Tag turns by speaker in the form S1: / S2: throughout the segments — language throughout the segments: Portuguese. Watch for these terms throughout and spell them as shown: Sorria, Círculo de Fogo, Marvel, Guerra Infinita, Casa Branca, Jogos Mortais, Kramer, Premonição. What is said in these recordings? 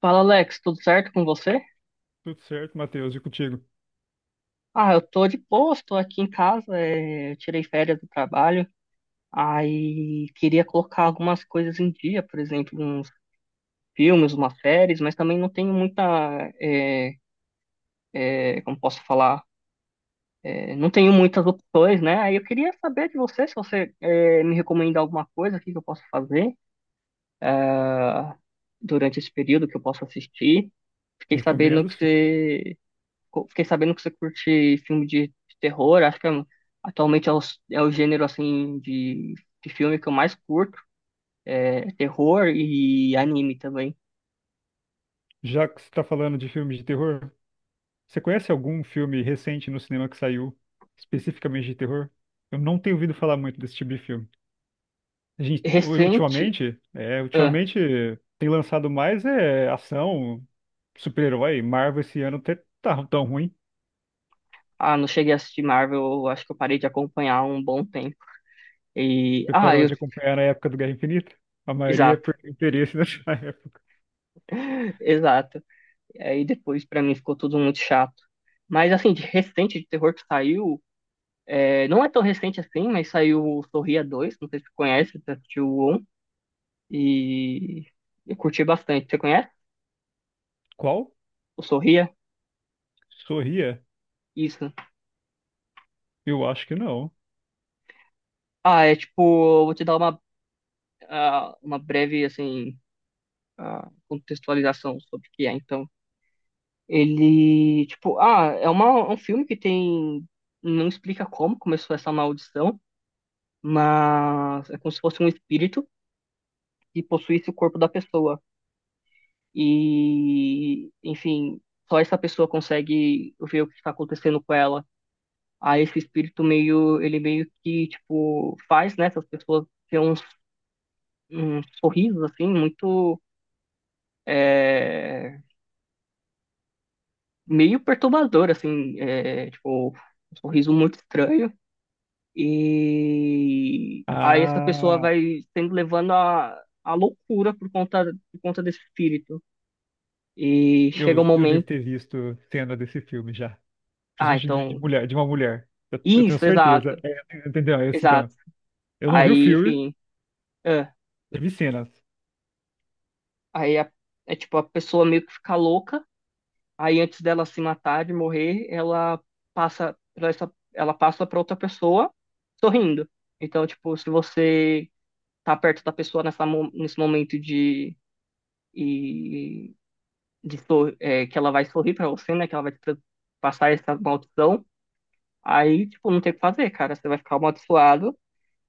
S1: Fala Alex, tudo certo com você?
S2: Tudo certo, Matheus, e contigo?
S1: Ah, eu tô de boa, tô aqui em casa, eu tirei férias do trabalho, aí queria colocar algumas coisas em dia, por exemplo, uns filmes, umas séries, mas também não tenho muita, é, como posso falar. É, não tenho muitas opções, né? Aí eu queria saber de você, se você me recomenda alguma coisa, o que que eu posso fazer durante esse período que eu posso assistir. Fiquei sabendo
S2: Recomendo,
S1: que
S2: sim.
S1: você Fiquei sabendo que você curte filme de terror. Acho que é um, atualmente é o, é o gênero assim de filme que eu mais curto. É terror e anime também.
S2: Já que você está falando de filmes de terror, você conhece algum filme recente no cinema que saiu especificamente de terror? Eu não tenho ouvido falar muito desse tipo de filme. A gente,
S1: Recente,
S2: ultimamente,
S1: ah,
S2: ultimamente tem lançado mais ação, super-herói. Marvel esse ano até tá tão ruim.
S1: não cheguei a assistir Marvel. Eu acho que eu parei de acompanhar há um bom tempo. E
S2: Você parou de acompanhar na época do Guerra Infinita? A maioria é
S1: exato.
S2: por interesse nessa época.
S1: Exato. E aí depois pra mim ficou tudo muito chato. Mas assim, de recente de terror que saiu, é, não é tão recente assim, mas saiu o Sorria 2, não sei se você conhece, você assistiu. E eu curti bastante. Você conhece?
S2: Qual?
S1: O Sorria?
S2: Sorria?
S1: Isso.
S2: Eu acho que não.
S1: Ah, é tipo, eu vou te dar uma, uma breve, assim, contextualização sobre o que é, então. Ele, tipo, é uma, é um filme que tem. Não explica como começou essa maldição, mas é como se fosse um espírito que possuísse o corpo da pessoa. E, enfim, só essa pessoa consegue ver o que está acontecendo com ela. Aí esse espírito meio, ele meio que, tipo, faz, né, essas pessoas ter uns, uns sorrisos, assim, muito, é, meio perturbador, assim, é, tipo, um sorriso muito estranho. E aí essa pessoa
S2: Ah.
S1: vai sendo levando a loucura por conta desse espírito. E chega
S2: Eu,
S1: um
S2: eu devo
S1: momento,
S2: ter visto cena desse filme já.
S1: ah,
S2: Principalmente de
S1: então,
S2: mulher, de uma mulher. Eu tenho
S1: isso,
S2: certeza.
S1: exato,
S2: É, entendeu? É isso,
S1: exato.
S2: então. Eu não vi o
S1: Aí,
S2: filme,
S1: enfim, é,
S2: eu vi cenas.
S1: aí a- é tipo, a pessoa meio que fica louca. Aí antes dela se matar, de morrer, ela passa para essa, ela passa para outra pessoa sorrindo. Então, tipo, se você tá perto da pessoa nessa, nesse momento e, de é, que ela vai sorrir para você, né? Que ela vai te passar essa maldição, aí, tipo, não tem o que fazer, cara. Você vai ficar amaldiçoado.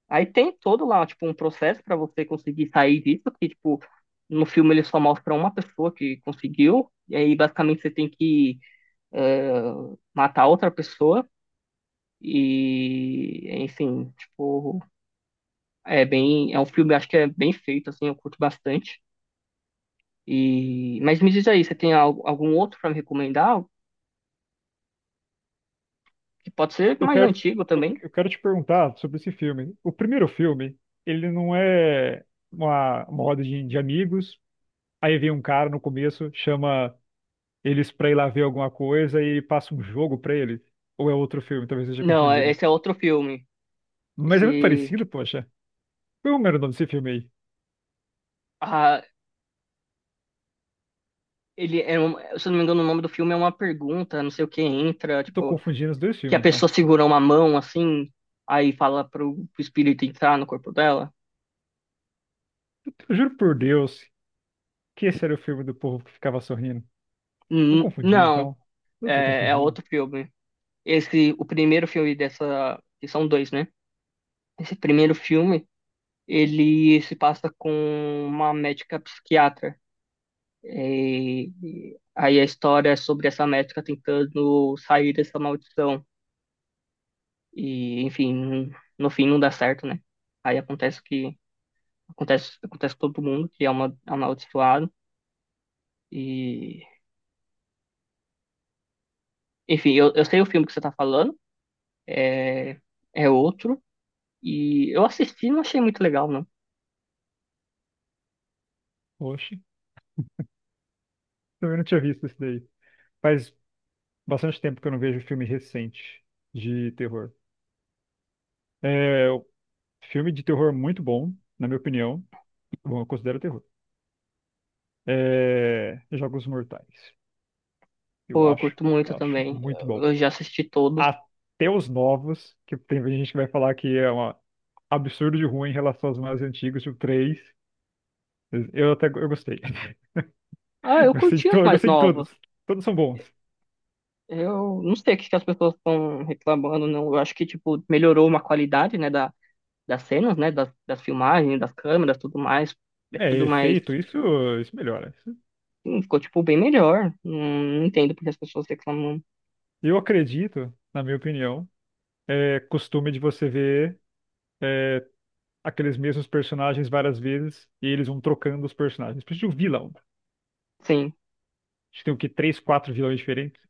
S1: Aí tem todo lá, tipo, um processo para você conseguir sair disso, que, tipo, no filme ele só mostra uma pessoa que conseguiu, e aí basicamente você tem que é, matar outra pessoa. E, enfim, tipo, é bem. É um filme, acho que é bem feito, assim, eu curto bastante. E, mas me diz aí, você tem algum outro para me recomendar? Que pode ser
S2: Eu
S1: mais
S2: quero,
S1: antigo
S2: eu,
S1: também.
S2: eu quero te perguntar sobre esse filme. O primeiro filme, ele não é uma roda de amigos. Aí vem um cara no começo, chama eles pra ir lá ver alguma coisa e passa um jogo pra eles. Ou é outro filme, talvez eu esteja
S1: Não,
S2: confundindo.
S1: esse é outro filme.
S2: Mas é muito
S1: Esse.
S2: parecido, poxa. Qual é o nome desse filme aí?
S1: Ah, ele é um, se eu não me engano, o nome do filme é uma pergunta, não sei o que entra,
S2: Eu tô
S1: tipo,
S2: confundindo os dois
S1: que a
S2: filmes, então.
S1: pessoa segura uma mão assim, aí fala pro espírito entrar no corpo dela.
S2: Eu juro por Deus que esse era o filme do povo que ficava sorrindo. Eu confundi,
S1: Não,
S2: então. Eu tô
S1: é, é
S2: confundindo.
S1: outro filme. Esse, o primeiro filme dessa, que são dois, né? Esse primeiro filme, ele se passa com uma médica psiquiatra. É, e, aí a história é sobre essa médica tentando sair dessa maldição. E, enfim, no fim não dá certo, né? Aí acontece que acontece com todo mundo que é uma amaldiçoado. E, enfim, eu sei o filme que você tá falando, é, é outro. E eu assisti e não achei muito legal, não.
S2: Oxe, também não tinha visto esse daí. Faz bastante tempo que eu não vejo filme recente de terror. É, o filme de terror muito bom, na minha opinião. Bom, eu considero terror. É, Jogos Mortais. Eu
S1: Pô, eu
S2: acho,
S1: curto muito
S2: acho
S1: também.
S2: muito bom.
S1: Eu já assisti todos.
S2: Até os novos, que tem gente que vai falar que é um absurdo de ruim em relação aos mais antigos, tipo 3. Eu até eu gostei.
S1: Ah,
S2: Eu
S1: eu
S2: gostei de,
S1: curti
S2: to-
S1: os
S2: eu
S1: mais
S2: gostei de todos.
S1: novos.
S2: Todos são bons.
S1: Eu não sei o que que as pessoas estão reclamando, não. Eu acho que, tipo, melhorou uma qualidade, né, da, das cenas, né, das filmagens, das câmeras, tudo mais. É
S2: É,
S1: tudo mais...
S2: efeito, isso melhora. Isso.
S1: Sim, ficou, tipo, bem melhor. Não entendo porque as pessoas reclamam.
S2: Eu acredito, na minha opinião, é costume de você ver é, aqueles mesmos personagens várias vezes e eles vão trocando os personagens. Precisa de um vilão.
S1: Sim.
S2: Acho que tem o quê? Três, quatro vilões diferentes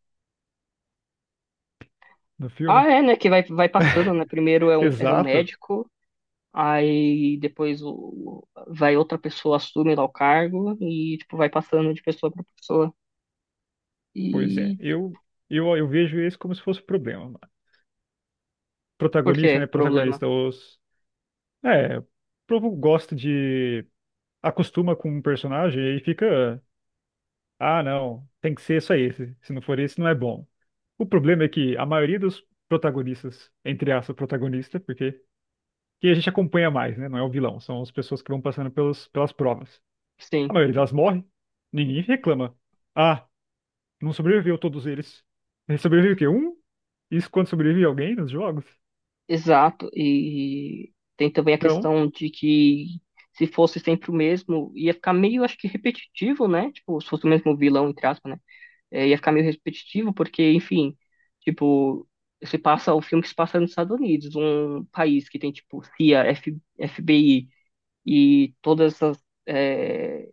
S2: no
S1: Ah,
S2: filme.
S1: é, né, que vai passando, né. Primeiro é um, era um
S2: Exato.
S1: médico, aí depois o, vai outra pessoa, assume lá o cargo e, tipo, vai passando de pessoa pra pessoa.
S2: Pois é.
S1: E
S2: Eu vejo isso como se fosse um problema, mano.
S1: por quê?
S2: Protagonista, né?
S1: Problema.
S2: Protagonista, os. É, o povo gosta de. Acostuma com um personagem e fica. Ah, não, tem que ser só esse. Se não for esse, não é bom. O problema é que a maioria dos protagonistas, entre aspas, protagonista, porque que a gente acompanha mais, né? Não é o vilão, são as pessoas que vão passando pelos, pelas provas. A
S1: Sim,
S2: maioria delas morre, ninguém reclama. Ah, não sobreviveu todos eles. Sobreviveu o quê? Um? Isso quando sobrevive alguém nos jogos?
S1: exato. E tem também a
S2: Então,
S1: questão de que se fosse sempre o mesmo, ia ficar meio, acho que repetitivo, né? Tipo, se fosse o mesmo vilão, entre aspas, né? É, ia ficar meio repetitivo, porque, enfim, tipo, se passa o filme que se passa nos Estados Unidos, um país que tem, tipo, CIA, FBI e todas essas, é,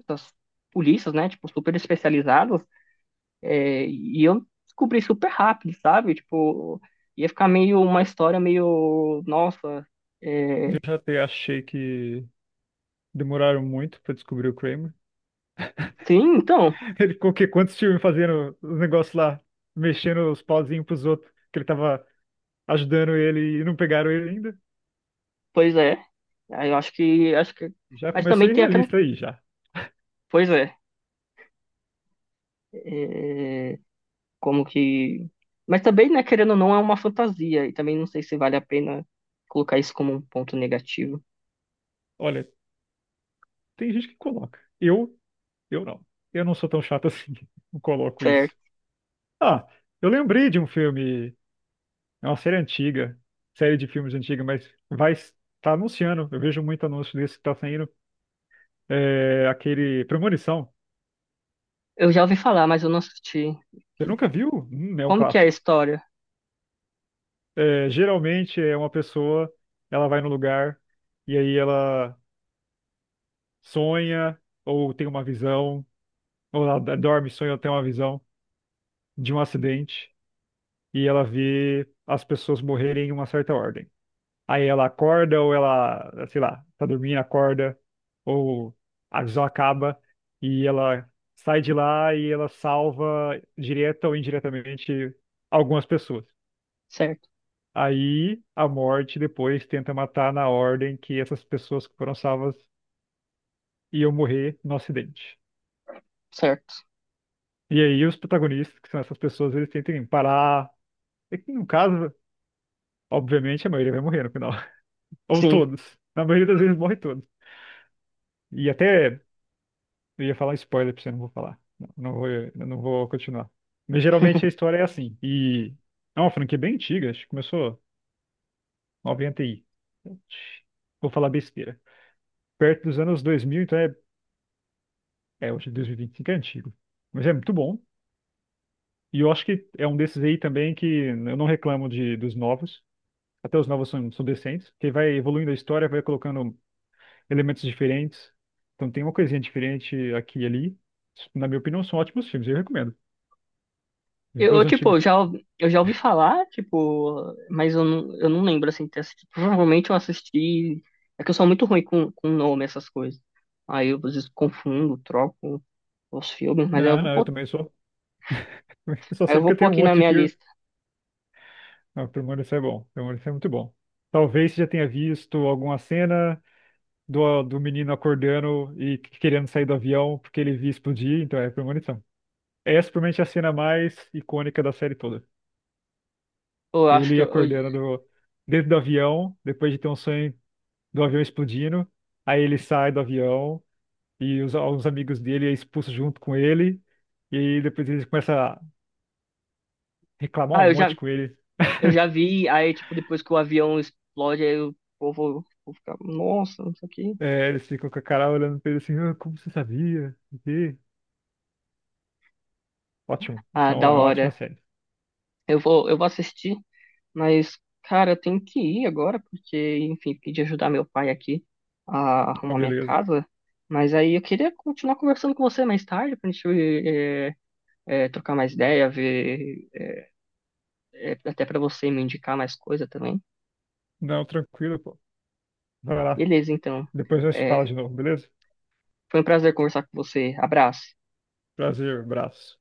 S1: essas polícias, né? Tipo, super especializadas. É, e eu descobri super rápido, sabe? Tipo, ia ficar meio uma história meio, nossa,
S2: eu
S1: é,
S2: já até achei que demoraram muito pra descobrir o Kramer.
S1: sim, então,
S2: Ele ficou o quê? Quantos filmes fazendo os negócios lá, mexendo os pauzinhos pros outros, que ele tava ajudando ele e não pegaram ele ainda.
S1: pois é. Aí eu acho acho que,
S2: Já
S1: mas
S2: começou
S1: também tem aquela,
S2: irrealista aí, já.
S1: pois é, como que, mas também, né, querendo ou não, é uma fantasia e também não sei se vale a pena colocar isso como um ponto negativo.
S2: Olha, tem gente que coloca. Eu não. Eu não sou tão chato assim. Não coloco
S1: Certo.
S2: isso. Ah, eu lembrei de um filme, é uma série antiga, série de filmes antiga, mas vai tá anunciando. Eu vejo muito anúncio desse que tá saindo. É aquele Premonição.
S1: Eu já ouvi falar, mas eu não assisti.
S2: Você nunca viu? É um
S1: Como que é a
S2: clássico.
S1: história?
S2: É, geralmente é uma pessoa, ela vai no lugar e aí ela sonha ou tem uma visão ou ela dorme, sonha, tem uma visão de um acidente e ela vê as pessoas morrerem em uma certa ordem. Aí ela acorda ou ela, sei lá, tá dormindo, acorda, ou a visão acaba e ela sai de lá e ela salva direta ou indiretamente algumas pessoas.
S1: Certo,
S2: Aí a morte depois tenta matar na ordem que essas pessoas que foram salvas iam morrer no acidente.
S1: certo.
S2: E aí os protagonistas, que são essas pessoas, eles tentam parar. É que, no caso, obviamente a maioria vai morrer no final. Ou
S1: Sim.
S2: todos. Na maioria das vezes morre todos. E até eu ia falar spoiler pra você, não vou falar. Eu não vou continuar. Mas geralmente a história é assim. E é uma franquia bem antiga, acho que começou 90 e. Vou falar besteira. Perto dos anos 2000 então é, é hoje dois mil e vinte e cinco é antigo. Mas é muito bom. E eu acho que é um desses aí também que eu não reclamo de, dos novos. Até os novos são, são decentes. Que vai evoluindo a história, vai colocando elementos diferentes. Então tem uma coisinha diferente aqui e ali. Na minha opinião, são ótimos filmes, eu recomendo. Ver os
S1: Tipo,
S2: antigos.
S1: eu já, eu já ouvi falar, tipo, mas eu eu não lembro, assim, ter assistido. Provavelmente eu assisti. É que eu sou muito ruim com nome, essas coisas. Aí eu às vezes confundo, troco os filmes, mas aí eu
S2: Não,
S1: vou
S2: não, eu
S1: pôr,
S2: também sou. Eu só
S1: aí eu
S2: sei
S1: vou
S2: porque
S1: pôr
S2: tem um
S1: aqui na
S2: monte de
S1: minha
S2: filme.
S1: lista.
S2: Ah, Premonição é bom. Premonição é muito bom. Talvez você já tenha visto alguma cena do, do menino acordando e querendo sair do avião porque ele viu explodir, então é Premonição. Essa provavelmente é a cena mais icônica da série toda.
S1: Pô, eu acho que
S2: Ele acordando do- dentro do avião, depois de ter um sonho do avião explodindo. Aí ele sai do avião, e os, alguns amigos dele é expulso junto com ele, e aí depois ele começa a reclamar
S1: ah,
S2: um monte com ele.
S1: eu já vi, aí, tipo, depois que o avião explode, aí eu vou ficar, nossa, não sei o que.
S2: É, eles ficam com a cara olhando pra ele assim, "Ah, como você sabia? Não sei o quê." Ótimo, isso
S1: Ah, da
S2: é uma ótima
S1: hora.
S2: série.
S1: Eu vou assistir. Mas, cara, eu tenho que ir agora, porque, enfim, pedi ajudar meu pai aqui a
S2: Então,
S1: arrumar minha
S2: beleza.
S1: casa. Mas aí eu queria continuar conversando com você mais tarde, pra gente trocar mais ideia, ver, até pra você me indicar mais coisa também.
S2: Não, tranquilo, pô. Vai lá.
S1: Beleza, então.
S2: Depois nós se
S1: Eh,
S2: fala de novo, beleza?
S1: foi um prazer conversar com você. Abraço.
S2: Prazer, abraço.